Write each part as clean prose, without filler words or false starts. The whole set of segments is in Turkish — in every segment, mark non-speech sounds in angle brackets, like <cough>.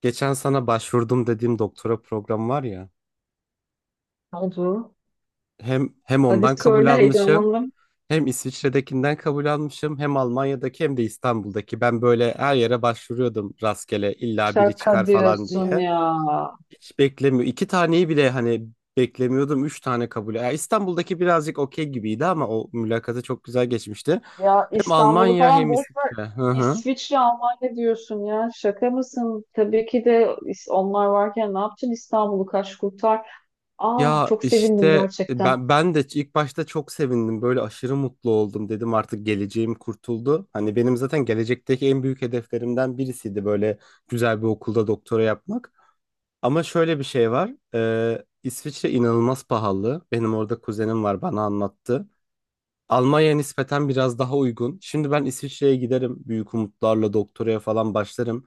Geçen sana başvurdum dediğim doktora programı var ya. Oldu. Hem Hadi ondan kabul söyle almışım, heyecanlandım. hem İsviçre'dekinden kabul almışım, hem Almanya'daki hem de İstanbul'daki. Ben böyle her yere başvuruyordum rastgele illa biri çıkar Şaka falan diyorsun diye. ya. Hiç beklemiyor. İki taneyi bile hani beklemiyordum. Üç tane kabul. Ya İstanbul'daki birazcık okey gibiydi ama o mülakatı çok güzel geçmişti. Ya Hem İstanbul'u Almanya falan hem boş ver. İsviçre. Hı hı. İsviçre, Almanya diyorsun ya. Şaka mısın? Tabii ki de onlar varken ne yapacaksın İstanbul'u kaç kurtar. Ah Ya çok sevindim işte gerçekten. ben de ilk başta çok sevindim. Böyle aşırı mutlu oldum dedim artık geleceğim kurtuldu. Hani benim zaten gelecekteki en büyük hedeflerimden birisiydi böyle güzel bir okulda doktora yapmak. Ama şöyle bir şey var. İsviçre inanılmaz pahalı. Benim orada kuzenim var bana anlattı. Almanya nispeten biraz daha uygun. Şimdi ben İsviçre'ye giderim. Büyük umutlarla doktoraya falan başlarım.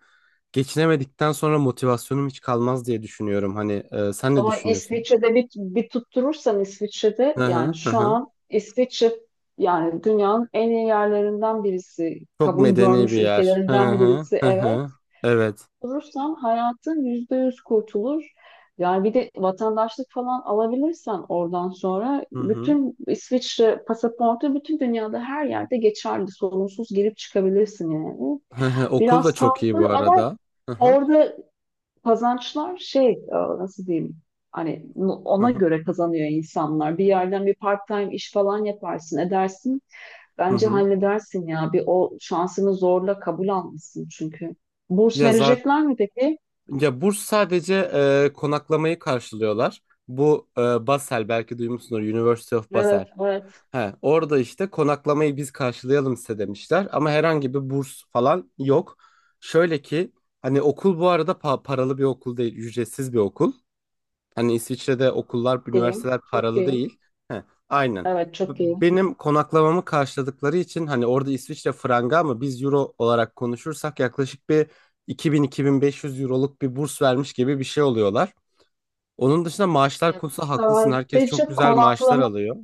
Geçinemedikten sonra motivasyonum hiç kalmaz diye düşünüyorum. Hani sen ne Ama düşünüyorsun? İsviçre'de bir tutturursan İsviçre'de Hı hı yani hı. şu Hı. an İsviçre yani dünyanın en iyi yerlerinden birisi. Çok Kabul medeni bir görmüş yer. Hı ülkelerinden hı birisi hı evet. hı. Evet. Kurursan hayatın yüzde yüz kurtulur. Yani bir de vatandaşlık falan alabilirsen oradan sonra Hı hı. bütün İsviçre pasaportu bütün dünyada her yerde geçerli. Sorunsuz girip çıkabilirsin yani. Hı hı. Okul da Biraz çok iyi bu pahalı ama arada. Hı hı orada kazançlar nasıl diyeyim hani hı ona hı. göre kazanıyor insanlar. Bir yerden bir part-time iş falan yaparsın edersin. Hı Bence hı. halledersin ya. Bir o şansını zorla kabul almışsın çünkü. Burs Ya zaten verecekler mi peki? ya burs sadece konaklamayı karşılıyorlar. Bu Basel belki duymuşsunuz, University of Evet, Basel. evet. He, orada işte konaklamayı biz karşılayalım size demişler ama herhangi bir burs falan yok. Şöyle ki hani okul bu arada paralı bir okul değil, ücretsiz bir okul. Hani İsviçre'de okullar, İyiyim. üniversiteler Çok paralı iyiyim. değil. He, aynen. Evet, B- çok iyiyim. Benim konaklamamı karşıladıkları için hani orada İsviçre franga ama biz euro olarak konuşursak yaklaşık bir 2000-2500 euroluk bir burs vermiş gibi bir şey oluyorlar. Onun dışında maaşlar Ya konusu haklısın. Herkes çok sadece güzel maaşlar konaklama, alıyor.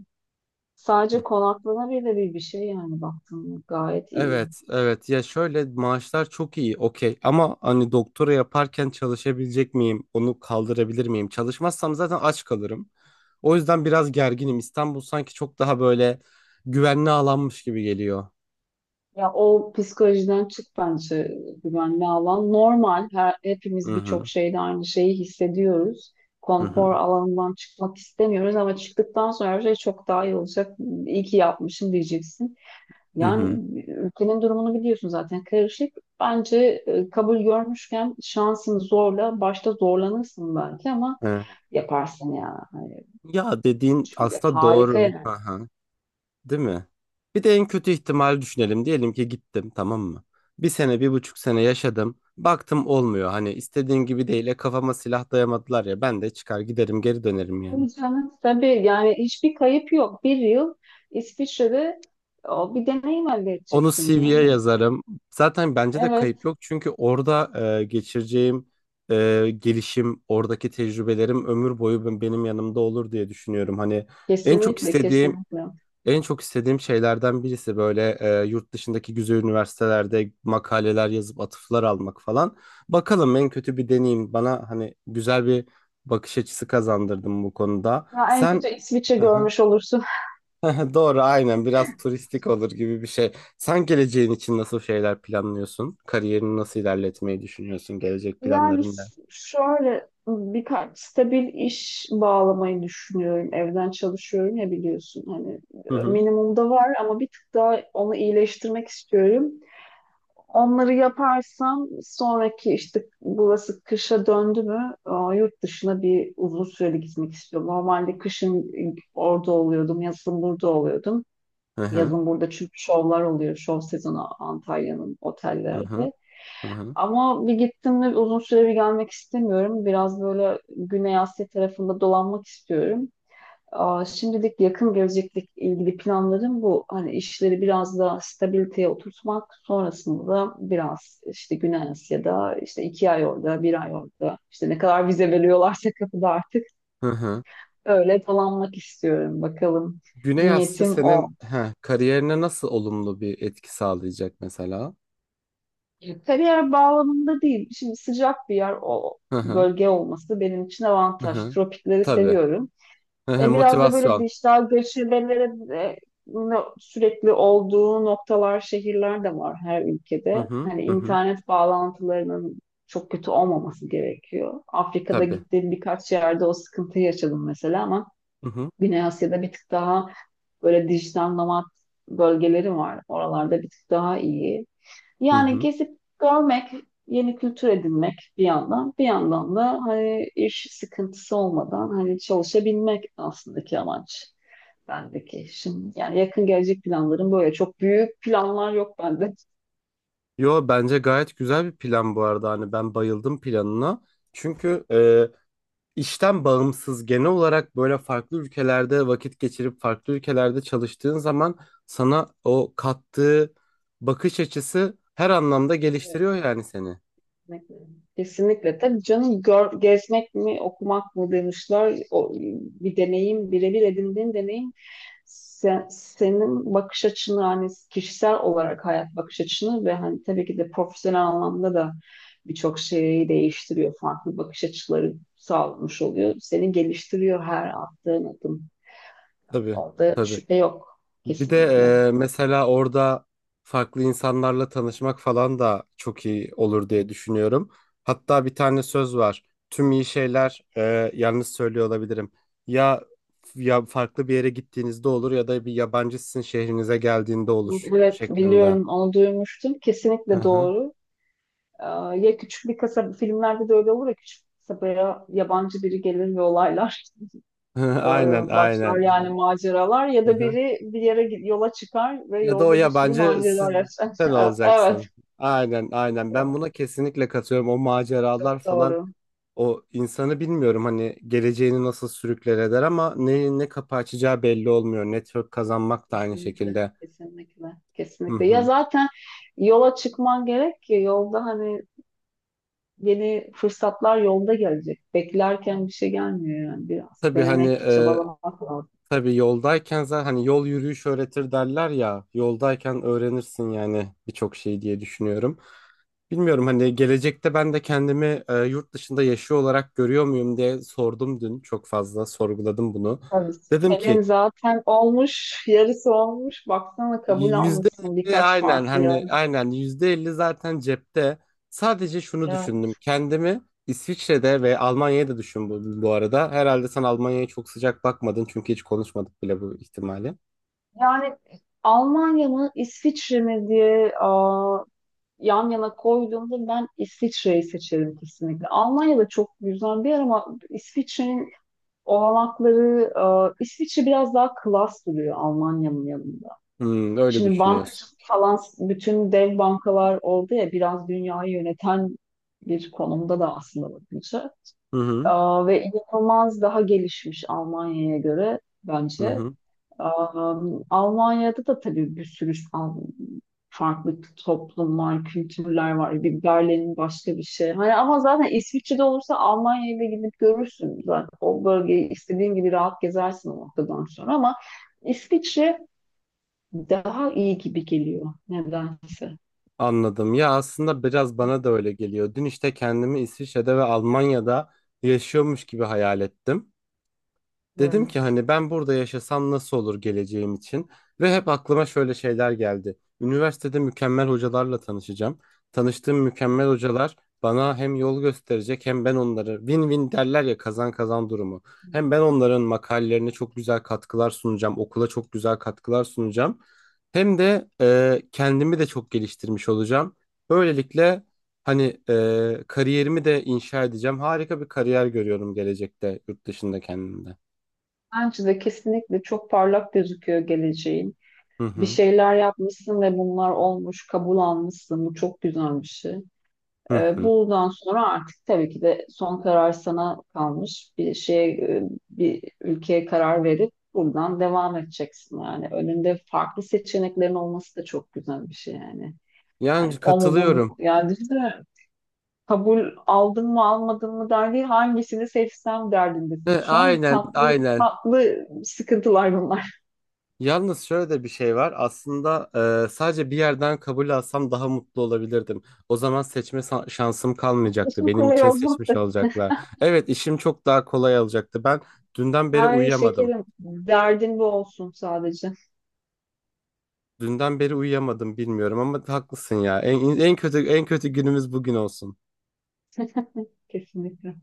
sadece konaklama bile bir şey yani baktığımda gayet iyi. Evet, evet. Ya şöyle maaşlar çok iyi, okey. Ama hani doktora yaparken çalışabilecek miyim? Onu kaldırabilir miyim? Çalışmazsam zaten aç kalırım. O yüzden biraz gerginim. İstanbul sanki çok daha böyle güvenli alanmış gibi geliyor. Ya o psikolojiden çık bence güvenli alan. Normal, Hı hepimiz birçok hı, şeyde aynı şeyi hissediyoruz. hı hı, Konfor alanından çıkmak istemiyoruz ama çıktıktan sonra her şey çok daha iyi olacak. İyi ki yapmışım diyeceksin. hı Yani hı. ülkenin durumunu biliyorsun zaten karışık. Bence kabul görmüşken şansını zorla. Başta zorlanırsın belki ama Evet. yaparsın ya. Hani Ya dediğin çünkü aslında harika doğru. Hı yani. hı. Değil mi? Bir de en kötü ihtimali düşünelim. Diyelim ki gittim, tamam mı? Bir sene, bir buçuk sene yaşadım. Baktım olmuyor. Hani istediğin gibi değil. Kafama silah dayamadılar ya. Ben de çıkar giderim, geri dönerim yani. Tabii canım. Tabii yani hiçbir kayıp yok. Bir yıl İsviçre'de o, bir deneyim elde Onu edeceksin CV'ye yani. yazarım. Zaten bence de kayıp Evet, yok. Çünkü orada geçireceğim gelişim, oradaki tecrübelerim ömür boyu benim yanımda olur diye düşünüyorum. Hani en çok kesinlikle istediğim kesinlikle. En çok istediğim şeylerden birisi böyle yurt dışındaki güzel üniversitelerde makaleler yazıp atıflar almak falan. Bakalım, en kötü bir deneyim bana hani güzel bir bakış açısı kazandırdım bu konuda. Ya en Sen. kötü İsviçre <laughs> görmüş olursun. Doğru, aynen, biraz turistik olur gibi bir şey. Sen geleceğin için nasıl şeyler planlıyorsun? Kariyerini nasıl ilerletmeyi düşünüyorsun? Gelecek Yani planların ne? Şöyle birkaç stabil iş bağlamayı düşünüyorum. Evden çalışıyorum ya biliyorsun. Hani Hı hı. minimumda var ama bir tık daha onu iyileştirmek istiyorum. Onları yaparsam sonraki işte burası kışa döndü mü, yurt dışına bir uzun süreli gitmek istiyorum. Normalde kışın orada oluyordum, yazın burada oluyordum. Hı hı. Yazın burada çünkü şovlar oluyor. Şov sezonu Antalya'nın Hı hı. otellerde. Hı hı. Ama bir gittim de uzun süre bir gelmek istemiyorum. Biraz böyle Güney Asya tarafında dolanmak istiyorum. Şimdilik yakın gelecekle ilgili planlarım bu. Hani işleri biraz daha stabiliteye oturtmak. Sonrasında da biraz işte Güney Asya'da işte iki ay orada, bir ay orada. İşte ne kadar vize veriyorlarsa kapıda artık Hı hı. öyle dolanmak istiyorum. Bakalım Güney Asya niyetim o. senin kariyerine nasıl olumlu bir etki sağlayacak mesela? Kariyer bağlamında değil. Şimdi sıcak bir yer o Hı hı, bölge olması benim için hı avantaj. hı. Tropikleri Tabii. seviyorum. Hı hı, Biraz da böyle motivasyon. dijital göçebelere de sürekli olduğu noktalar, şehirler de var her Hı ülkede. hı, Hani hı hı. internet bağlantılarının çok kötü olmaması gerekiyor. Afrika'da Tabii. gittiğim birkaç yerde o sıkıntıyı yaşadım mesela, ama Hı hı, Güney Asya'da bir tık daha böyle dijital nomad bölgeleri var. Oralarda bir tık daha iyi. hı Yani hı. gezip görmek, yeni kültür edinmek bir yandan, bir yandan da hani iş sıkıntısı olmadan hani çalışabilmek aslında ki amaç bendeki. Şimdi yani yakın gelecek planlarım böyle çok büyük planlar yok bende. Yo, bence gayet güzel bir plan bu arada. Hani ben bayıldım planına. Çünkü işten bağımsız, genel olarak böyle farklı ülkelerde vakit geçirip farklı ülkelerde çalıştığın zaman sana o kattığı bakış açısı her anlamda geliştiriyor yani seni. Kesinlikle. Tabii canım, gezmek mi, okumak mı demişler. O, bir deneyim, birebir edindiğin deneyim senin bakış açını hani kişisel olarak hayat bakış açını ve hani tabii ki de profesyonel anlamda da birçok şeyi değiştiriyor. Farklı bakış açıları sağlamış oluyor. Seni geliştiriyor her attığın adım. Tabii. Orada Tabii. şüphe yok Bir de kesinlikle. Mesela orada farklı insanlarla tanışmak falan da çok iyi olur diye düşünüyorum. Hatta bir tane söz var. Tüm iyi şeyler, yalnız söylüyor olabilirim. Ya, ya farklı bir yere gittiğinizde olur, ya da bir yabancı sizin şehrinize geldiğinde olur Evet şeklinde. biliyorum, onu duymuştum. Hı Kesinlikle hı. doğru. Ee, Ya küçük bir kasaba, filmlerde de öyle olur ya, küçük bir kasabaya yabancı biri gelir ve olaylar <laughs> <laughs> e, Aynen, başlar aynen. yani maceralar, ya Hı da hı. biri bir yere yola çıkar ve Ya da o yolda bir sürü yabancı siz, macera yaşar. sen <laughs> Evet, olacaksın. Aynen, aynen. Ben buna kesinlikle katıyorum. O maceralar çok falan. doğru. O insanı bilmiyorum hani geleceğini nasıl sürükler eder ama ne kapı açacağı belli olmuyor. Network kazanmak da aynı Kesinlikle, şekilde. kesinlikle, Hı kesinlikle. Ya hı. zaten yola çıkman gerek ki yolda hani yeni fırsatlar yolda gelecek. Beklerken bir şey gelmiyor yani biraz. Tabii, hani Denemek, çabalamak lazım. tabii yoldayken zaten hani yol yürüyüş öğretir derler ya. Yoldayken öğrenirsin yani birçok şey diye düşünüyorum. Bilmiyorum, hani gelecekte ben de kendimi yurt dışında yaşıyor olarak görüyor muyum diye sordum dün. Çok fazla sorguladım bunu. Yani Dedim ki senin zaten olmuş, yarısı olmuş. Baksana, kabul Yüzde almışsın elli birkaç aynen, farklı yol. hani aynen %50 zaten cepte. Sadece şunu Yani düşündüm. Kendimi İsviçre'de ve Almanya'da düşün bu arada. Herhalde sen Almanya'ya çok sıcak bakmadın çünkü hiç konuşmadık bile bu ihtimali. Yani Almanya mı, İsviçre mi diye, yan yana koyduğumda ben İsviçre'yi seçerim kesinlikle. Almanya da çok güzel bir yer ama İsviçre'nin olanakları, İsviçre biraz daha klas duruyor Almanya'nın yanında. Hmm, öyle Şimdi düşünüyorsun. bankacılık falan bütün dev bankalar oldu ya, biraz dünyayı yöneten bir konumda da aslında bakınca. Hı hı, Ve inanılmaz daha gelişmiş Almanya'ya göre hı bence. hı. Aa, Almanya'da da tabii bir sürü an farklı toplumlar, kültürler var. Bir Berlin başka bir şey. Hani ama zaten İsviçre'de olursa Almanya'ya da gidip görürsün zaten. O bölgeyi istediğin gibi rahat gezersin o noktadan sonra, ama İsviçre daha iyi gibi geliyor nedense. Anladım. Ya aslında biraz bana da öyle geliyor. Dün işte kendimi İsviçre'de ve Almanya'da yaşıyormuş gibi hayal ettim. Dedim ki Evet. hani ben burada yaşasam nasıl olur geleceğim için, ve hep aklıma şöyle şeyler geldi. Üniversitede mükemmel hocalarla tanışacağım. Tanıştığım mükemmel hocalar bana hem yol gösterecek, hem ben onları win-win derler ya, kazan kazan durumu. Hem ben onların makalelerine çok güzel katkılar sunacağım, okula çok güzel katkılar sunacağım. Hem de kendimi de çok geliştirmiş olacağım. Böylelikle hani kariyerimi de inşa edeceğim. Harika bir kariyer görüyorum gelecekte yurt dışında kendimde. Bence de kesinlikle çok parlak gözüküyor geleceği. Hı Bir hı. şeyler yapmışsın ve bunlar olmuş, kabul almışsın. Bu çok güzel bir şey. Hı hı. Bundan sonra artık tabii ki de son karar sana kalmış. Bir ülkeye karar verip buradan devam edeceksin yani. Önünde farklı seçeneklerin olması da çok güzel bir şey yani. Hani Yani o mu bu mu? katılıyorum. Yani düşünsene, kabul aldım mı almadım mı der değil, hangisini seçsem He, derdindesin. Şu an aynen, tatlı aynen. tatlı sıkıntılar bunlar. Yalnız şöyle de bir şey var. Aslında sadece bir yerden kabul alsam daha mutlu olabilirdim. O zaman seçme şansım <laughs> kalmayacaktı. İşin Benim kolay için seçmiş olacak. olacaklar. Evet, işim çok daha kolay olacaktı. Ben dünden beri Ay uyuyamadım. şekerim, derdin bu olsun sadece. Dünden beri uyuyamadım, bilmiyorum, ama haklısın ya. En kötü en kötü günümüz bugün olsun. Kesinlikle.